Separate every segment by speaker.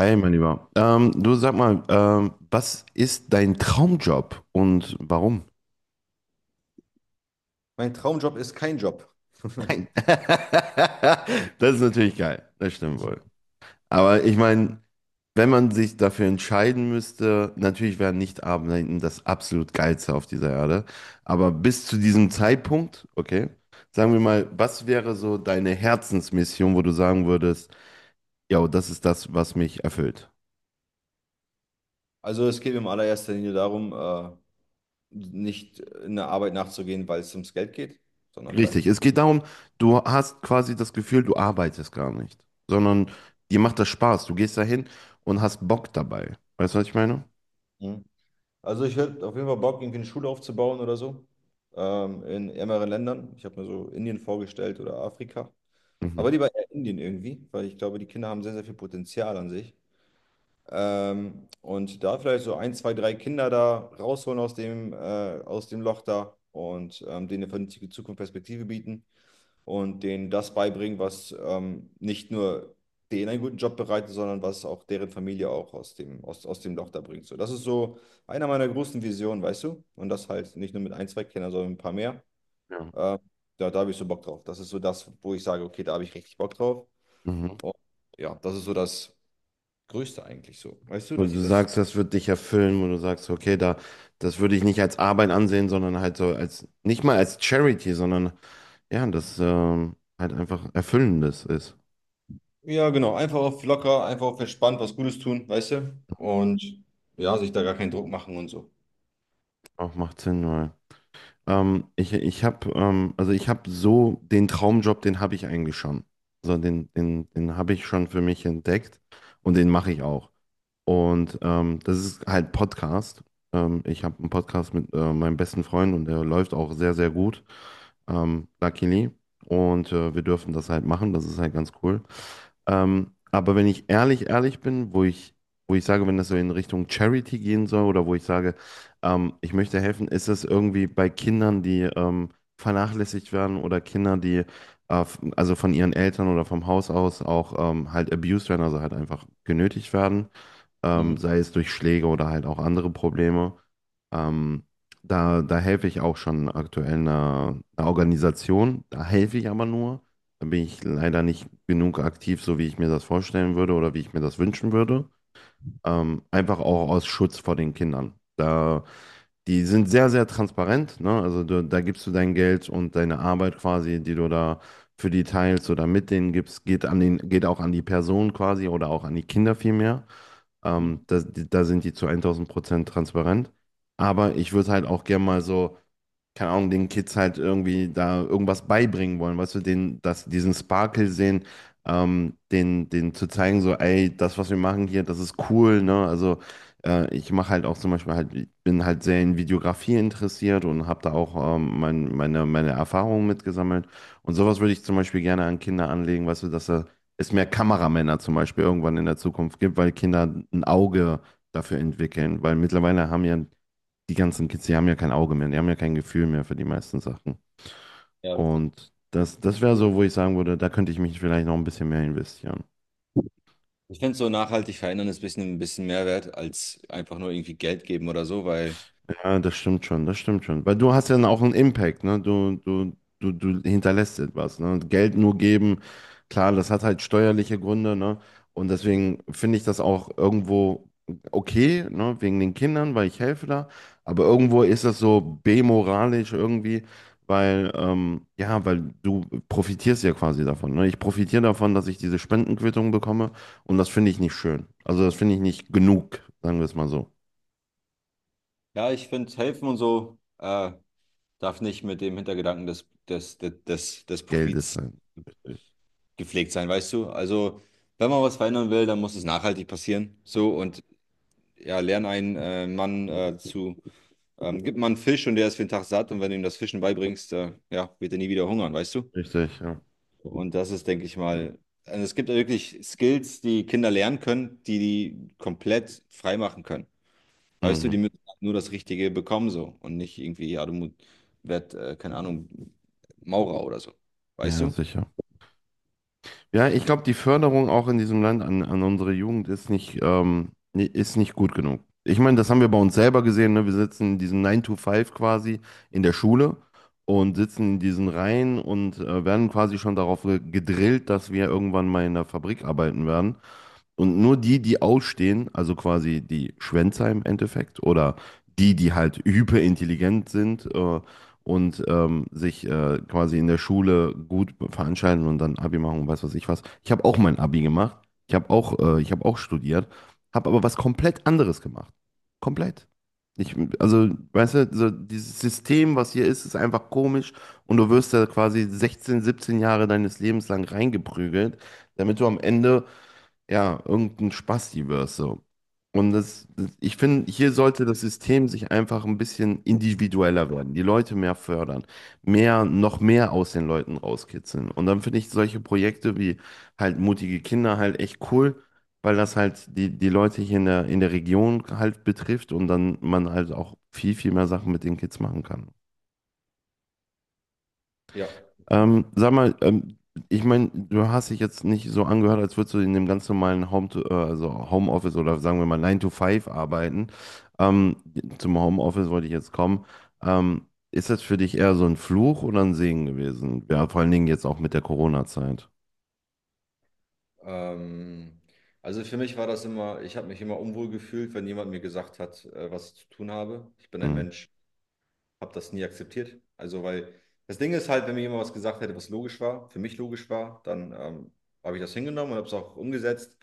Speaker 1: Hi, mein Lieber. Du sag mal, was ist dein Traumjob und warum?
Speaker 2: Mein Traumjob ist kein Job.
Speaker 1: Nein. Das ist natürlich geil, das stimmt wohl. Aber ich meine, wenn man sich dafür entscheiden müsste, natürlich wäre nicht arbeiten das absolut Geilste auf dieser Erde. Aber bis zu diesem Zeitpunkt, okay, sagen wir mal, was wäre so deine Herzensmission, wo du sagen würdest, ja, das ist das, was mich erfüllt?
Speaker 2: Also es geht mir in allererster Linie darum, nicht in der Arbeit nachzugehen, weil es ums Geld geht, sondern
Speaker 1: Richtig,
Speaker 2: vielleicht.
Speaker 1: es geht darum, du hast quasi das Gefühl, du arbeitest gar nicht, sondern dir macht das Spaß. Du gehst dahin und hast Bock dabei. Weißt du, was ich meine?
Speaker 2: Mhm. Also ich hätte auf jeden Fall Bock, irgendwie eine Schule aufzubauen oder so, in ärmeren Ländern. Ich habe mir so Indien vorgestellt oder Afrika. Aber
Speaker 1: Mhm.
Speaker 2: lieber eher Indien irgendwie, weil ich glaube, die Kinder haben sehr, sehr viel Potenzial an sich. Und da vielleicht so ein, zwei, drei Kinder da rausholen aus dem, aus dem Loch da, und denen eine vernünftige Zukunftsperspektive bieten und denen das beibringen, was nicht nur denen einen guten Job bereitet, sondern was auch deren Familie auch aus aus dem Loch da bringt. So, das ist so einer meiner großen Visionen, weißt du? Und das halt nicht nur mit ein, zwei Kindern, sondern mit ein paar mehr.
Speaker 1: Ja.
Speaker 2: Äh, da habe ich so Bock drauf. Das ist so das, wo ich sage, okay, da habe ich richtig Bock drauf.
Speaker 1: Mhm.
Speaker 2: Und ja, das ist so das Größte eigentlich so. Weißt du,
Speaker 1: Und
Speaker 2: dass
Speaker 1: du
Speaker 2: ich das.
Speaker 1: sagst, das wird dich erfüllen, und du sagst, okay, da, das würde ich nicht als Arbeit ansehen, sondern halt so als, nicht mal als Charity, sondern ja, das halt einfach Erfüllendes ist.
Speaker 2: Ja, genau. Einfach auf locker, einfach auf entspannt was Gutes tun, weißt du? Und ja, sich da gar keinen Druck machen und so.
Speaker 1: Auch macht Sinn, weil. Ich habe also ich habe so den Traumjob, den habe ich eigentlich schon. Also den habe ich schon für mich entdeckt und den mache ich auch. Und das ist halt Podcast. Ich habe einen Podcast mit meinem besten Freund und der läuft auch sehr, sehr gut, luckily. Und wir dürfen das halt machen, das ist halt ganz cool. Aber wenn ich ehrlich, ehrlich bin, wo ich sage, wenn das so in Richtung Charity gehen soll oder wo ich sage, ich möchte helfen, ist das irgendwie bei Kindern, die vernachlässigt werden oder Kinder, die also von ihren Eltern oder vom Haus aus auch halt abused werden, also halt einfach genötigt werden
Speaker 2: Mhm.
Speaker 1: sei es durch Schläge oder halt auch andere Probleme. Ähm, da helfe ich auch schon aktuell einer Organisation. Da helfe ich aber nur. Da bin ich leider nicht genug aktiv, so wie ich mir das vorstellen würde oder wie ich mir das wünschen würde. Einfach auch aus Schutz vor den Kindern. Da, die sind sehr, sehr transparent, ne? Also du, da gibst du dein Geld und deine Arbeit quasi, die du da für die teilst oder mit denen gibst, geht an geht auch an die Person quasi oder auch an die Kinder vielmehr.
Speaker 2: Mhm.
Speaker 1: Da sind die zu 1000% transparent. Aber ich würde halt auch gerne mal so keine Ahnung, den Kids halt irgendwie da irgendwas beibringen wollen, weißt du, den, dass diesen Sparkle sehen, den zu zeigen, so, ey, das, was wir machen hier, das ist cool, ne? Also ich mache halt auch zum Beispiel halt, ich bin halt sehr in Videografie interessiert und habe da auch meine Erfahrungen mitgesammelt. Und sowas würde ich zum Beispiel gerne an Kinder anlegen, weißt du, dass da es mehr Kameramänner zum Beispiel irgendwann in der Zukunft gibt, weil Kinder ein Auge dafür entwickeln, weil mittlerweile haben ja die ganzen Kids, die haben ja kein Auge mehr, die haben ja kein Gefühl mehr für die meisten Sachen.
Speaker 2: Ja, richtig.
Speaker 1: Und das wäre so, wo ich sagen würde, da könnte ich mich vielleicht noch ein bisschen mehr investieren.
Speaker 2: Ich finde, so nachhaltig verändern ist ein bisschen mehr wert als einfach nur irgendwie Geld geben oder so, weil
Speaker 1: Ja, das stimmt schon, das stimmt schon. Weil du hast ja dann auch einen Impact, ne? Du hinterlässt etwas, ne? Und Geld nur geben, klar, das hat halt steuerliche Gründe, ne? Und deswegen finde ich das auch irgendwo okay, ne? Wegen den Kindern, weil ich helfe da. Aber irgendwo ist das so bemoralisch irgendwie, weil, ja, weil du profitierst ja quasi davon, ne? Ich profitiere davon, dass ich diese Spendenquittung bekomme und das finde ich nicht schön. Also das finde ich nicht genug, sagen wir es mal so.
Speaker 2: ja, ich finde, helfen und so darf nicht mit dem Hintergedanken des
Speaker 1: Geld ist
Speaker 2: Profits
Speaker 1: halt.
Speaker 2: gepflegt sein, weißt du? Also, wenn man was verändern will, dann muss es nachhaltig passieren. So, und ja, lern einen Mann zu, gib mal einen Fisch und der ist für den Tag satt, und wenn du ihm das Fischen beibringst, ja, wird er nie wieder hungern, weißt du?
Speaker 1: Richtig, ja.
Speaker 2: Und das ist, denke ich mal, also es gibt ja wirklich Skills, die Kinder lernen können, die komplett frei machen können. Weißt du, die
Speaker 1: Mhm.
Speaker 2: müssen nur das Richtige bekommen so und nicht irgendwie, ja, keine Ahnung, Maurer oder so.
Speaker 1: Ja,
Speaker 2: Weißt
Speaker 1: ja,
Speaker 2: du?
Speaker 1: sicher. Ja, ich glaube, die Förderung auch in diesem Land an unsere Jugend ist nicht, ist nicht gut genug. Ich meine, das haben wir bei uns selber gesehen, ne? Wir sitzen in diesem 9 to Five quasi in der Schule und sitzen in diesen Reihen und werden quasi schon darauf gedrillt, dass wir irgendwann mal in der Fabrik arbeiten werden. Und nur die ausstehen, also quasi die Schwänzer im Endeffekt oder die halt hyperintelligent sind und sich quasi in der Schule gut veranstalten und dann Abi machen und weiß was. Ich habe auch mein Abi gemacht. Ich habe auch studiert, habe aber was komplett anderes gemacht. Komplett. Ich, also, weißt du, so dieses System, was hier ist, ist einfach komisch und du wirst da quasi 16, 17 Jahre deines Lebens lang reingeprügelt, damit du am Ende ja, irgendein Spasti wirst so. Und ich finde, hier sollte das System sich einfach ein bisschen individueller werden, die Leute mehr fördern, noch mehr aus den Leuten rauskitzeln. Und dann finde ich solche Projekte wie halt mutige Kinder halt echt cool, weil das halt die Leute hier in in der Region halt betrifft und dann man halt auch viel, viel mehr Sachen mit den Kids machen kann.
Speaker 2: Ja,
Speaker 1: Sag mal, ich meine, du hast dich jetzt nicht so angehört, als würdest du in dem ganz normalen also Homeoffice oder sagen wir mal Nine to Five arbeiten. Ähm, zum Homeoffice wollte ich jetzt kommen. Ist das für dich eher so ein Fluch oder ein Segen gewesen? Ja, vor allen Dingen jetzt auch mit der Corona-Zeit.
Speaker 2: ähm, also für mich war das immer, ich habe mich immer unwohl gefühlt, wenn jemand mir gesagt hat, was ich zu tun habe. Ich bin ein
Speaker 1: Mhm.
Speaker 2: Mensch, habe das nie akzeptiert. Also, weil das Ding ist halt, wenn mir jemand was gesagt hätte, was logisch war, für mich logisch war, dann habe ich das hingenommen und habe es auch umgesetzt.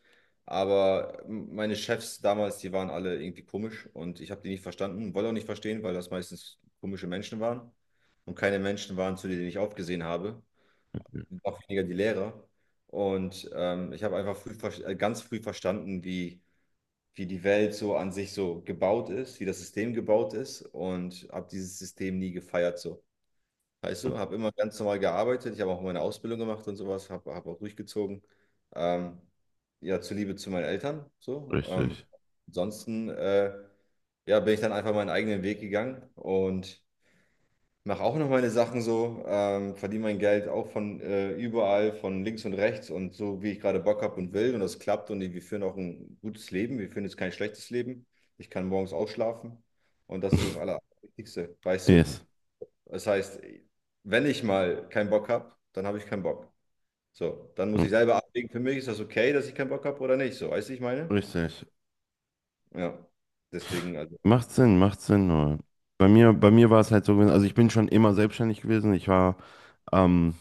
Speaker 2: Aber meine Chefs damals, die waren alle irgendwie komisch und ich habe die nicht verstanden, wollte auch nicht verstehen, weil das meistens komische Menschen waren und keine Menschen waren, zu denen ich aufgesehen habe,
Speaker 1: Mhm.
Speaker 2: noch weniger die Lehrer. Und ich habe einfach ganz früh verstanden, wie wie die Welt so an sich so gebaut ist, wie das System gebaut ist, und habe dieses System nie gefeiert so. Weißt du, habe immer ganz normal gearbeitet, ich habe auch meine Ausbildung gemacht und sowas, habe hab auch durchgezogen. Ähm, ja, zuliebe zu meinen Eltern so. Ähm,
Speaker 1: Richtig.
Speaker 2: ansonsten äh, ja, bin ich dann einfach meinen eigenen Weg gegangen und mache auch noch meine Sachen so, verdiene mein Geld auch von überall, von links und rechts und so, wie ich gerade Bock habe und will. Und das klappt, und wir führen auch ein gutes Leben. Wir führen jetzt kein schlechtes Leben. Ich kann morgens ausschlafen, und das ist das Allerwichtigste, weißt du?
Speaker 1: Yes.
Speaker 2: Das heißt, wenn ich mal keinen Bock habe, dann habe ich keinen Bock. So, dann muss
Speaker 1: Mhm.
Speaker 2: ich selber abwägen, für mich ist das okay, dass ich keinen Bock habe oder nicht. So, weißt du, ich meine?
Speaker 1: Richtig.
Speaker 2: Ja, deswegen, also.
Speaker 1: Macht Sinn, macht Sinn. Nur. Bei mir war es halt so gewesen, also ich bin schon immer selbstständig gewesen. Ich war ähm,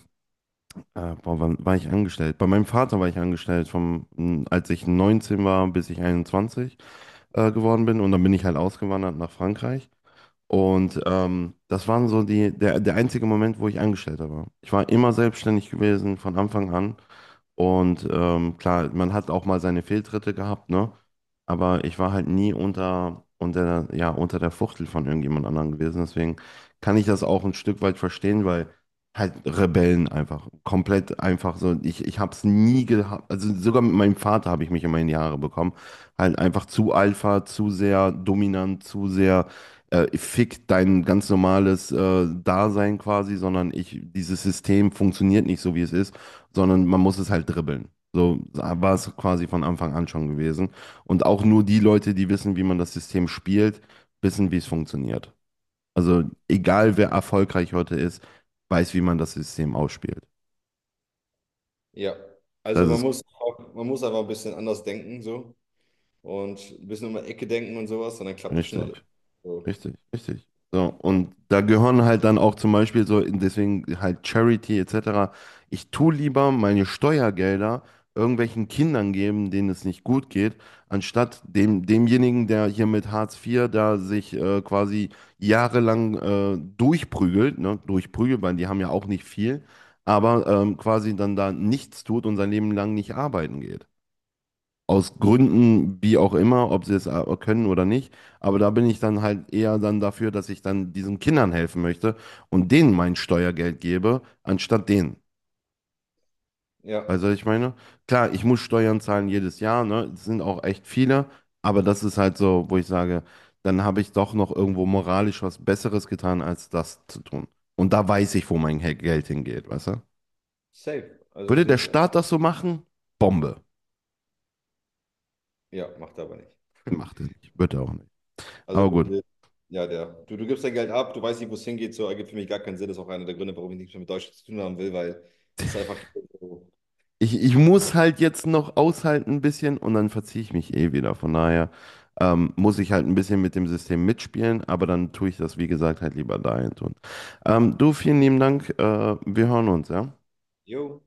Speaker 1: Boah, wann war ich angestellt? Bei meinem Vater war ich angestellt, als ich 19 war, bis ich 21 geworden bin. Und dann bin ich halt ausgewandert nach Frankreich. Und das waren so der einzige Moment, wo ich Angestellter war. Ich war immer selbstständig gewesen von Anfang an. Und klar, man hat auch mal seine Fehltritte gehabt, ne? Aber ich war halt nie ja, unter der Fuchtel von irgendjemand anderem gewesen. Deswegen kann ich das auch ein Stück weit verstehen, weil halt Rebellen einfach, komplett einfach so. Ich habe es nie gehabt, also sogar mit meinem Vater habe ich mich immer in die Haare bekommen. Halt einfach zu Alpha, zu sehr dominant, zu sehr fick dein ganz normales Dasein quasi, sondern ich, dieses System funktioniert nicht so, wie es ist sondern man muss es halt dribbeln. So war es quasi von Anfang an schon gewesen. Und auch nur die Leute, die wissen, wie man das System spielt, wissen, wie es funktioniert. Also egal, wer erfolgreich heute ist, weiß, wie man das System ausspielt.
Speaker 2: Ja, also
Speaker 1: Das
Speaker 2: man
Speaker 1: ist
Speaker 2: muss, auch, man muss einfach ein bisschen anders denken, so, und ein bisschen um die Ecke denken und sowas, und dann klappt das schon alles.
Speaker 1: richtig.
Speaker 2: So.
Speaker 1: Richtig, richtig. So, und da gehören halt dann auch zum Beispiel so, deswegen halt Charity etc. Ich tue lieber meine Steuergelder irgendwelchen Kindern geben, denen es nicht gut geht, anstatt dem, demjenigen, der hier mit Hartz IV da sich quasi jahrelang durchprügelt, ne, durchprügelt, weil die haben ja auch nicht viel, aber quasi dann da nichts tut und sein Leben lang nicht arbeiten geht aus Gründen, wie auch immer, ob sie es können oder nicht. Aber da bin ich dann halt eher dann dafür, dass ich dann diesen Kindern helfen möchte und denen mein Steuergeld gebe, anstatt denen.
Speaker 2: Ja,
Speaker 1: Weißt du, was ich meine? Klar, ich muss Steuern zahlen jedes Jahr, ne? Es sind auch echt viele, aber das ist halt so, wo ich sage, dann habe ich doch noch irgendwo moralisch was Besseres getan, als das zu tun. Und da weiß ich, wo mein Geld hingeht, weißt du?
Speaker 2: safe. Also
Speaker 1: Würde
Speaker 2: sehe
Speaker 1: der
Speaker 2: ich,
Speaker 1: Staat das so machen? Bombe.
Speaker 2: ja, macht er aber nicht.
Speaker 1: Macht er nicht. Wird er auch nicht.
Speaker 2: Also,
Speaker 1: Aber gut.
Speaker 2: ja, der, du gibst dein Geld ab, du weißt nicht, wo es hingeht, so ergibt für mich gar keinen Sinn. Das ist auch einer der Gründe, warum ich nichts mehr mit Deutschland zu tun haben will, weil es ist einfach, so,
Speaker 1: Ich muss halt jetzt noch aushalten ein bisschen und dann verziehe ich mich eh wieder. Von daher muss ich halt ein bisschen mit dem System mitspielen, aber dann tue ich das, wie gesagt, halt lieber dahin tun. Du, vielen lieben Dank. Wir hören uns, ja?
Speaker 2: jo,